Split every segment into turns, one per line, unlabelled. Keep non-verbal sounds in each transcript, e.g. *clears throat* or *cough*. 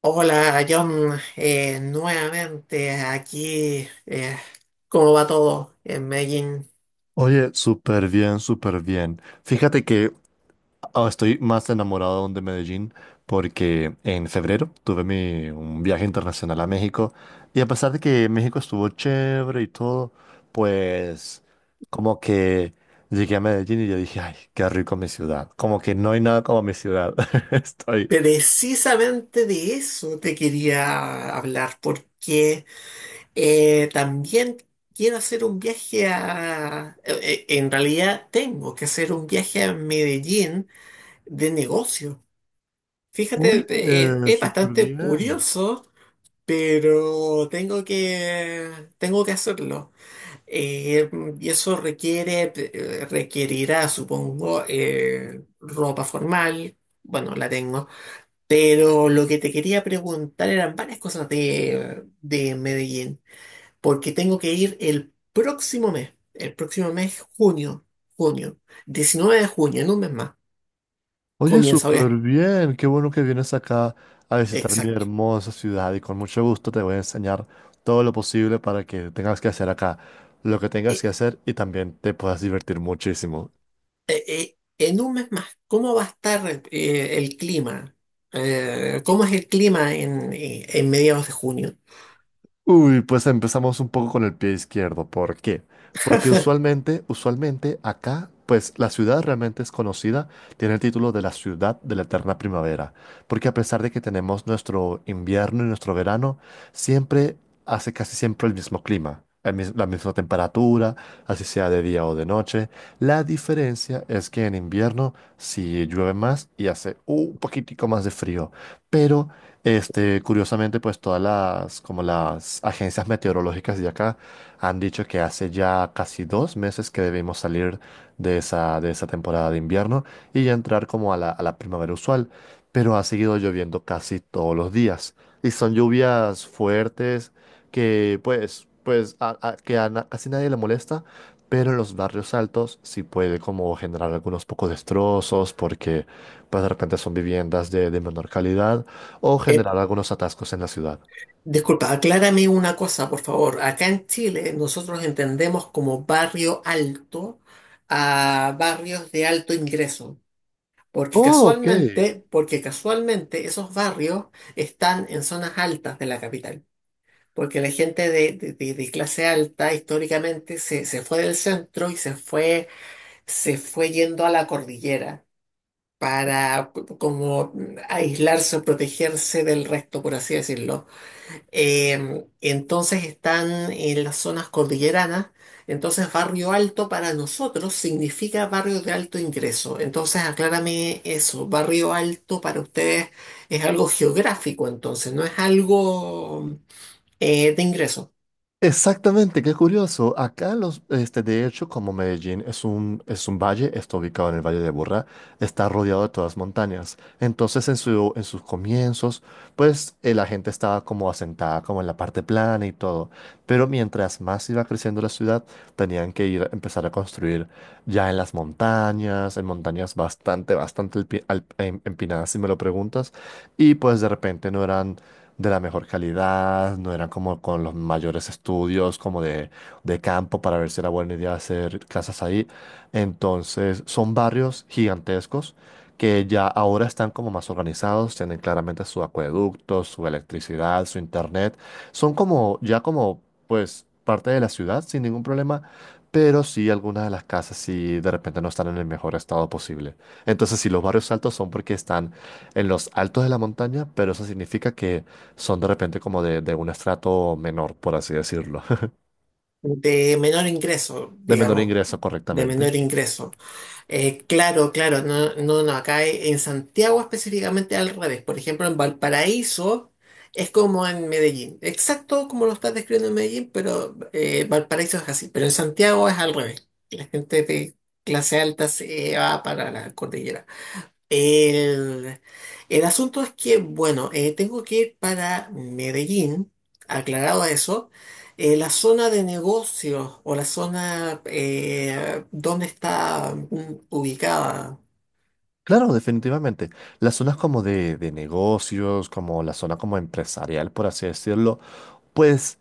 Hola, John. Nuevamente aquí. ¿Cómo va todo en Medellín?
Oye, súper bien, súper bien. Fíjate que estoy más enamorado aún de Medellín porque en febrero tuve un viaje internacional a México, y a pesar de que México estuvo chévere y todo, pues como que llegué a Medellín y yo dije, ay, qué rico mi ciudad. Como que no hay nada como mi ciudad. *laughs* Estoy...
Precisamente de eso te quería hablar, porque también quiero hacer un viaje a... en realidad tengo que hacer un viaje a Medellín de negocio. Fíjate,
Oye,
es
súper
bastante
bien.
curioso, pero tengo que hacerlo. Eh, y eso requiere, requerirá, supongo, ropa formal. Bueno, la tengo. Pero lo que te quería preguntar eran varias cosas de Medellín, porque tengo que ir el próximo mes, el próximo mes, junio, 19 de junio, en un mes más.
Oye,
Comienza,
súper bien. Qué bueno que vienes acá a visitar mi
Exacto.
hermosa ciudad, y con mucho gusto te voy a enseñar todo lo posible para que tengas que hacer acá lo que tengas
Eh,
que hacer y también te puedas divertir muchísimo.
eh, en un mes más, ¿cómo va a estar el clima? ¿Cómo es el clima en mediados de junio?
Uy, pues empezamos un poco con el pie izquierdo. ¿Por qué? Porque usualmente acá, pues la ciudad realmente es conocida, tiene el título de la ciudad de la eterna primavera, porque a pesar de que tenemos nuestro invierno y nuestro verano, siempre hace casi siempre el mismo clima, la misma temperatura, así sea de día o de noche. La diferencia es que en invierno sí llueve más y hace un poquitico más de frío, pero este, curiosamente, pues todas las, como las agencias meteorológicas de acá han dicho que hace ya casi 2 meses que debemos salir de esa temporada de invierno y ya entrar como a la primavera usual, pero ha seguido lloviendo casi todos los días y son lluvias fuertes que pues casi nadie le molesta, pero en los barrios altos sí puede como generar algunos pocos destrozos porque pues de repente son viviendas de menor calidad o
Eh,
generar algunos atascos en la ciudad.
Disculpa, aclárame una cosa, por favor. Acá en Chile nosotros entendemos como barrio alto a barrios de alto ingreso,
Oh, ok.
porque casualmente esos barrios están en zonas altas de la capital, porque la gente de clase alta históricamente se fue del centro y se fue yendo a la cordillera. Para como aislarse o protegerse del resto, por así decirlo. Entonces están en las zonas cordilleranas. Entonces, barrio alto para nosotros significa barrio de alto ingreso. Entonces, aclárame eso. Barrio alto para ustedes es algo geográfico, entonces, no es algo de ingreso,
Exactamente, qué curioso. Acá de hecho, como Medellín es un, valle, está ubicado en el Valle de Burra, está rodeado de todas montañas. Entonces, en en sus comienzos, pues la gente estaba como asentada, como en la parte plana y todo. Pero mientras más iba creciendo la ciudad, tenían que ir, empezar a construir ya en las montañas, en montañas bastante, bastante empinadas, si me lo preguntas. Y pues de repente no eran de la mejor calidad, no eran como con los mayores estudios, como de campo para ver si era buena idea hacer casas ahí. Entonces, son barrios gigantescos que ya ahora están como más organizados, tienen claramente su acueducto, su electricidad, su internet. Son como, ya como, pues, parte de la ciudad sin ningún problema, pero sí algunas de las casas sí de repente no están en el mejor estado posible. Entonces, si los barrios altos son porque están en los altos de la montaña, pero eso significa que son de repente como de un estrato menor, por así decirlo,
de menor ingreso,
*laughs* de menor
digamos,
ingreso
de
correctamente.
menor ingreso. Claro, claro, no, no, no, acá en Santiago específicamente al revés. Por ejemplo, en Valparaíso es como en Medellín, exacto como lo estás describiendo en Medellín, pero Valparaíso es así. Pero en Santiago es al revés. La gente de clase alta se va para la cordillera. El, el asunto es que, bueno, tengo que ir para Medellín, aclarado eso. La zona de negocios o la zona donde está ubicada
Claro, definitivamente. Las zonas como de negocios, como la zona como empresarial, por así decirlo, pues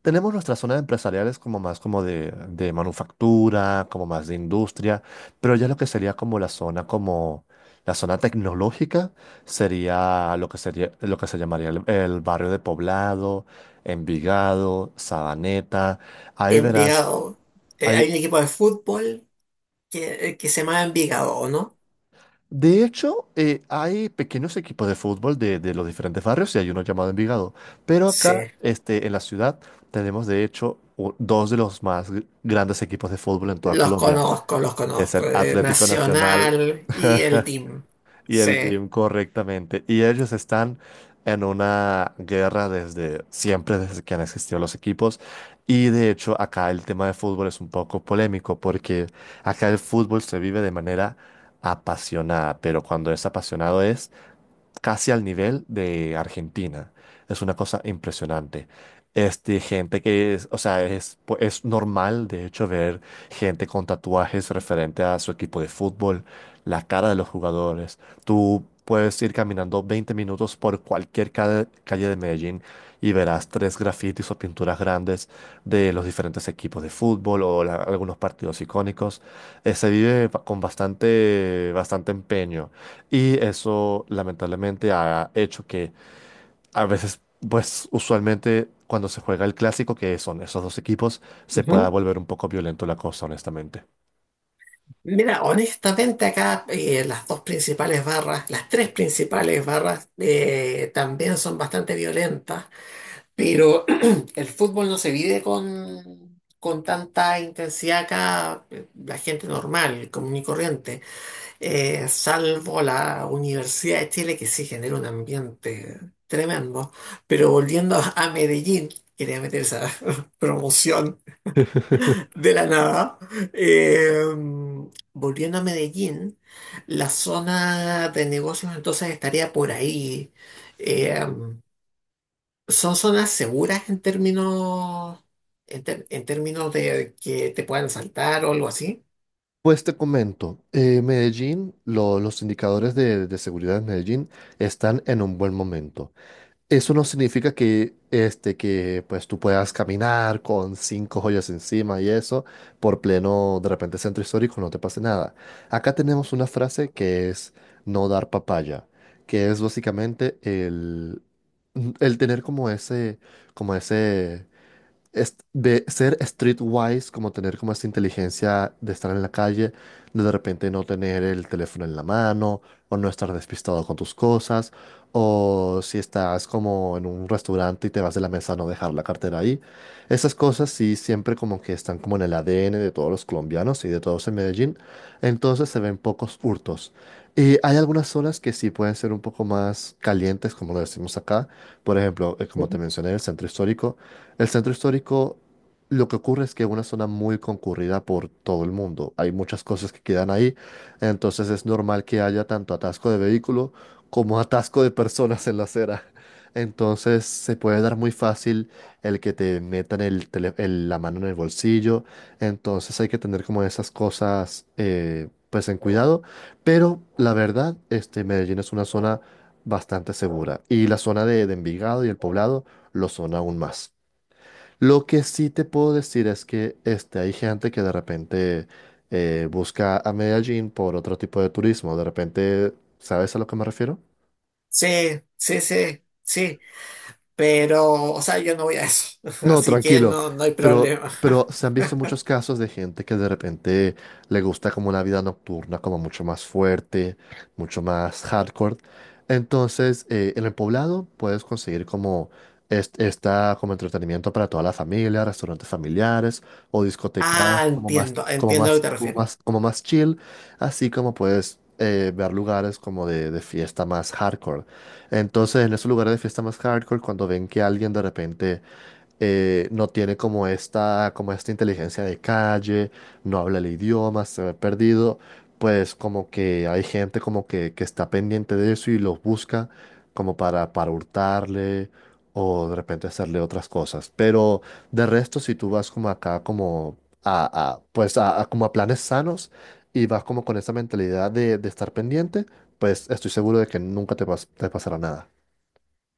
tenemos nuestras zonas empresariales como más como de manufactura, como más de industria, pero ya lo que sería como la zona tecnológica sería lo que se llamaría el barrio de Poblado, Envigado, Sabaneta. Ahí verás,
Envigado. Hay
ahí,
un equipo de fútbol que se llama Envigado, ¿o no?
de hecho, hay pequeños equipos de fútbol de los diferentes barrios y hay uno llamado Envigado. Pero acá,
Sí,
en la ciudad, tenemos de hecho dos de los más grandes equipos de fútbol en toda
los
Colombia.
conozco, los
Es
conozco.
el Atlético Nacional
Nacional y el Team.
y
Sí.
el BIM correctamente. Y ellos están en una guerra desde siempre, desde que han existido los equipos. Y de hecho, acá el tema de fútbol es un poco polémico porque acá el fútbol se vive de manera apasionada, pero cuando es apasionado es casi al nivel de Argentina. Es una cosa impresionante. Este, gente que es, o sea, es, pu- es normal, de hecho, ver gente con tatuajes referente a su equipo de fútbol, la cara de los jugadores. Tú puedes ir caminando 20 minutos por cualquier calle de Medellín y verás tres grafitis o pinturas grandes de los diferentes equipos de fútbol o algunos partidos icónicos. Se vive con bastante, bastante empeño. Y eso lamentablemente ha hecho que a veces, pues usualmente cuando se juega el clásico, que son esos dos equipos, se pueda volver un poco violento la cosa, honestamente.
Mira, honestamente acá las dos principales barras, las tres principales barras también son bastante violentas, pero *clears throat* el fútbol no se vive con tanta intensidad acá. La gente normal, común y corriente, salvo la Universidad de Chile que sí genera un ambiente tremendo. Pero volviendo a Medellín, quería meter esa *laughs* promoción
*laughs*
de la nada. Eh, Volviendo a Medellín, la zona de negocios entonces estaría por ahí. Eh, Son zonas seguras en términos, en términos de que te puedan asaltar o algo así.
Pues te comento, Medellín, los indicadores de seguridad en Medellín están en un buen momento. Eso no significa que, que pues tú puedas caminar con cinco joyas encima y eso por pleno, de repente, centro histórico, no te pase nada. Acá tenemos una frase que es no dar papaya, que es básicamente el tener como ese, como ese de ser streetwise, como tener como esa inteligencia de estar en la calle, de repente no tener el teléfono en la mano, o no estar despistado con tus cosas, o si estás como en un restaurante y te vas de la mesa, no dejar la cartera ahí. Esas cosas sí siempre como que están como en el ADN de todos los colombianos y de todos en Medellín, entonces se ven pocos hurtos. Y hay algunas zonas que sí pueden ser un poco más calientes, como lo decimos acá. Por ejemplo, como te
Ujú.
mencioné, el centro histórico. El centro histórico, lo que ocurre es que es una zona muy concurrida por todo el mundo. Hay muchas cosas que quedan ahí, entonces es normal que haya tanto atasco de vehículo como atasco de personas en la acera. Entonces se puede dar muy fácil el que te metan la mano en el bolsillo. Entonces hay que tener como esas cosas pues en cuidado. Pero la verdad, Medellín es una zona bastante segura. Y la zona de Envigado y el Poblado lo son aún más. Lo que sí te puedo decir es que hay gente que de repente busca a Medellín por otro tipo de turismo. De repente, ¿sabes a lo que me refiero?
Sí, sí, sí, sí. Pero, o sea, yo no voy a eso. *laughs*
No,
Así que
tranquilo.
no, no hay
Pero,
problema.
pero se
*laughs*
han visto muchos casos de gente que de repente le gusta como una vida nocturna, como mucho más fuerte, mucho más hardcore. Entonces, en el poblado puedes conseguir como esta como entretenimiento para toda la familia, restaurantes familiares o discotecas
Ah,
como más,
entiendo,
como
entiendo a lo
más,
que te
como
refieres.
más, como más chill, así como puedes ver lugares como de fiesta más hardcore. Entonces, en esos lugares de fiesta más hardcore, cuando ven que alguien de repente no tiene como esta inteligencia de calle, no habla el idioma, se ve perdido, pues como que hay gente como que está pendiente de eso y los busca como para hurtarle o de repente hacerle otras cosas. Pero de resto, si tú vas como acá como pues a como a planes sanos y vas como con esa mentalidad de estar pendiente, pues estoy seguro de que nunca te pasará nada.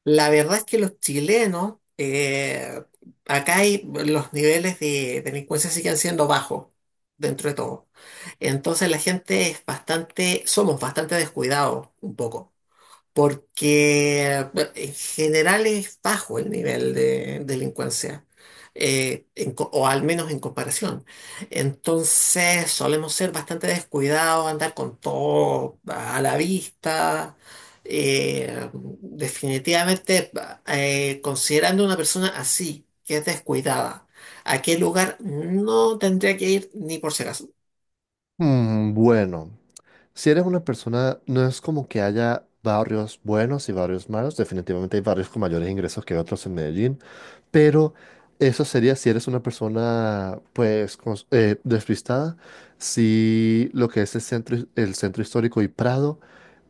La verdad es que los chilenos, acá hay, los niveles de delincuencia siguen siendo bajos dentro de todo. Entonces la gente es bastante, somos bastante descuidados un poco porque bueno, en general es bajo el nivel de delincuencia, o al menos en comparación. Entonces solemos ser bastante descuidados, andar con todo a la vista. Definitivamente, considerando una persona así, que es descuidada, ¿a qué lugar no tendría que ir ni por si acaso?
Mm, bueno. Si eres una persona, no es como que haya barrios buenos y barrios malos, definitivamente hay barrios con mayores ingresos que otros en Medellín, pero eso sería si eres una persona pues despistada, si lo que es el centro histórico y Prado,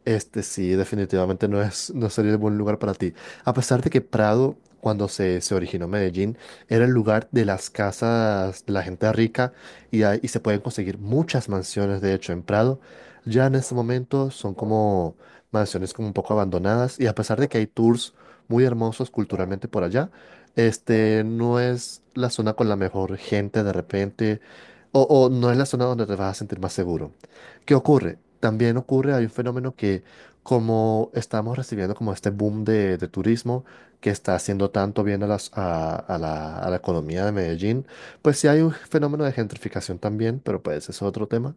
este sí, definitivamente no es, no sería el buen lugar para ti. A pesar de que Prado, cuando se originó Medellín, era el lugar de las casas de la gente rica, y y se pueden conseguir muchas mansiones, de hecho, en Prado, ya en este momento son como mansiones como un poco abandonadas, y a pesar de que hay tours muy hermosos culturalmente por allá, este no es la zona con la mejor gente de repente o no es la zona donde te vas a sentir más seguro. ¿Qué ocurre? También ocurre, hay un fenómeno que como estamos recibiendo como este boom de turismo que está haciendo tanto bien a, las, a la economía de Medellín, pues sí hay un fenómeno de gentrificación también, pero pues eso es otro tema.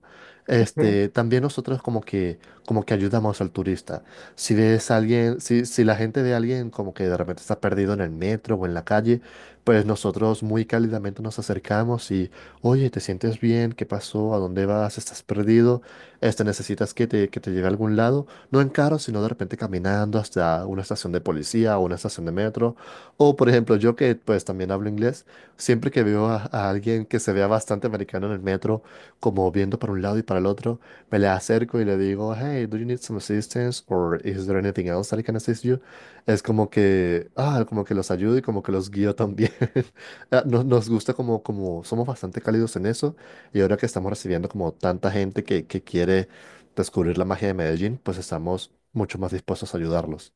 Ujú,
También nosotros como que, ayudamos al turista. Si ves a alguien, si la gente ve a alguien como que de repente está perdido en el metro o en la calle, pues nosotros muy cálidamente nos acercamos y, oye, ¿te sientes bien? ¿Qué pasó? ¿A dónde vas? ¿Estás perdido? Este, necesitas que te lleve a algún lado, no en carro, sino de repente caminando hasta una estación de policía o una estación de metro. O, por ejemplo, yo que pues también hablo inglés, siempre que veo a alguien que se vea bastante americano en el metro, como viendo para un lado y para el otro, me le acerco y le digo, hey, do you need some assistance? Or is there anything else that I can assist you? Es como que, ah, como que los ayudo y como que los guío también. *laughs* Ah, nos, nos gusta como, como somos bastante cálidos en eso, y ahora que estamos recibiendo como tanta gente que quiere descubrir la magia de Medellín, pues estamos mucho más dispuestos a ayudarlos.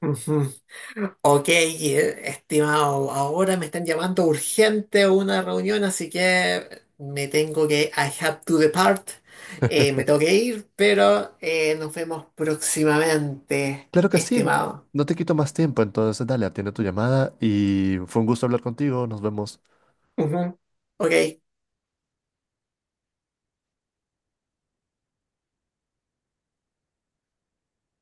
ujú. Ok, estimado, ahora me están llamando urgente a una reunión, así que I have to depart. Me tengo que ir, pero nos vemos próximamente,
Claro que sí,
estimado.
no te quito más tiempo, entonces dale, atiende tu llamada y fue un gusto hablar contigo, nos vemos.
Ujú. Ok.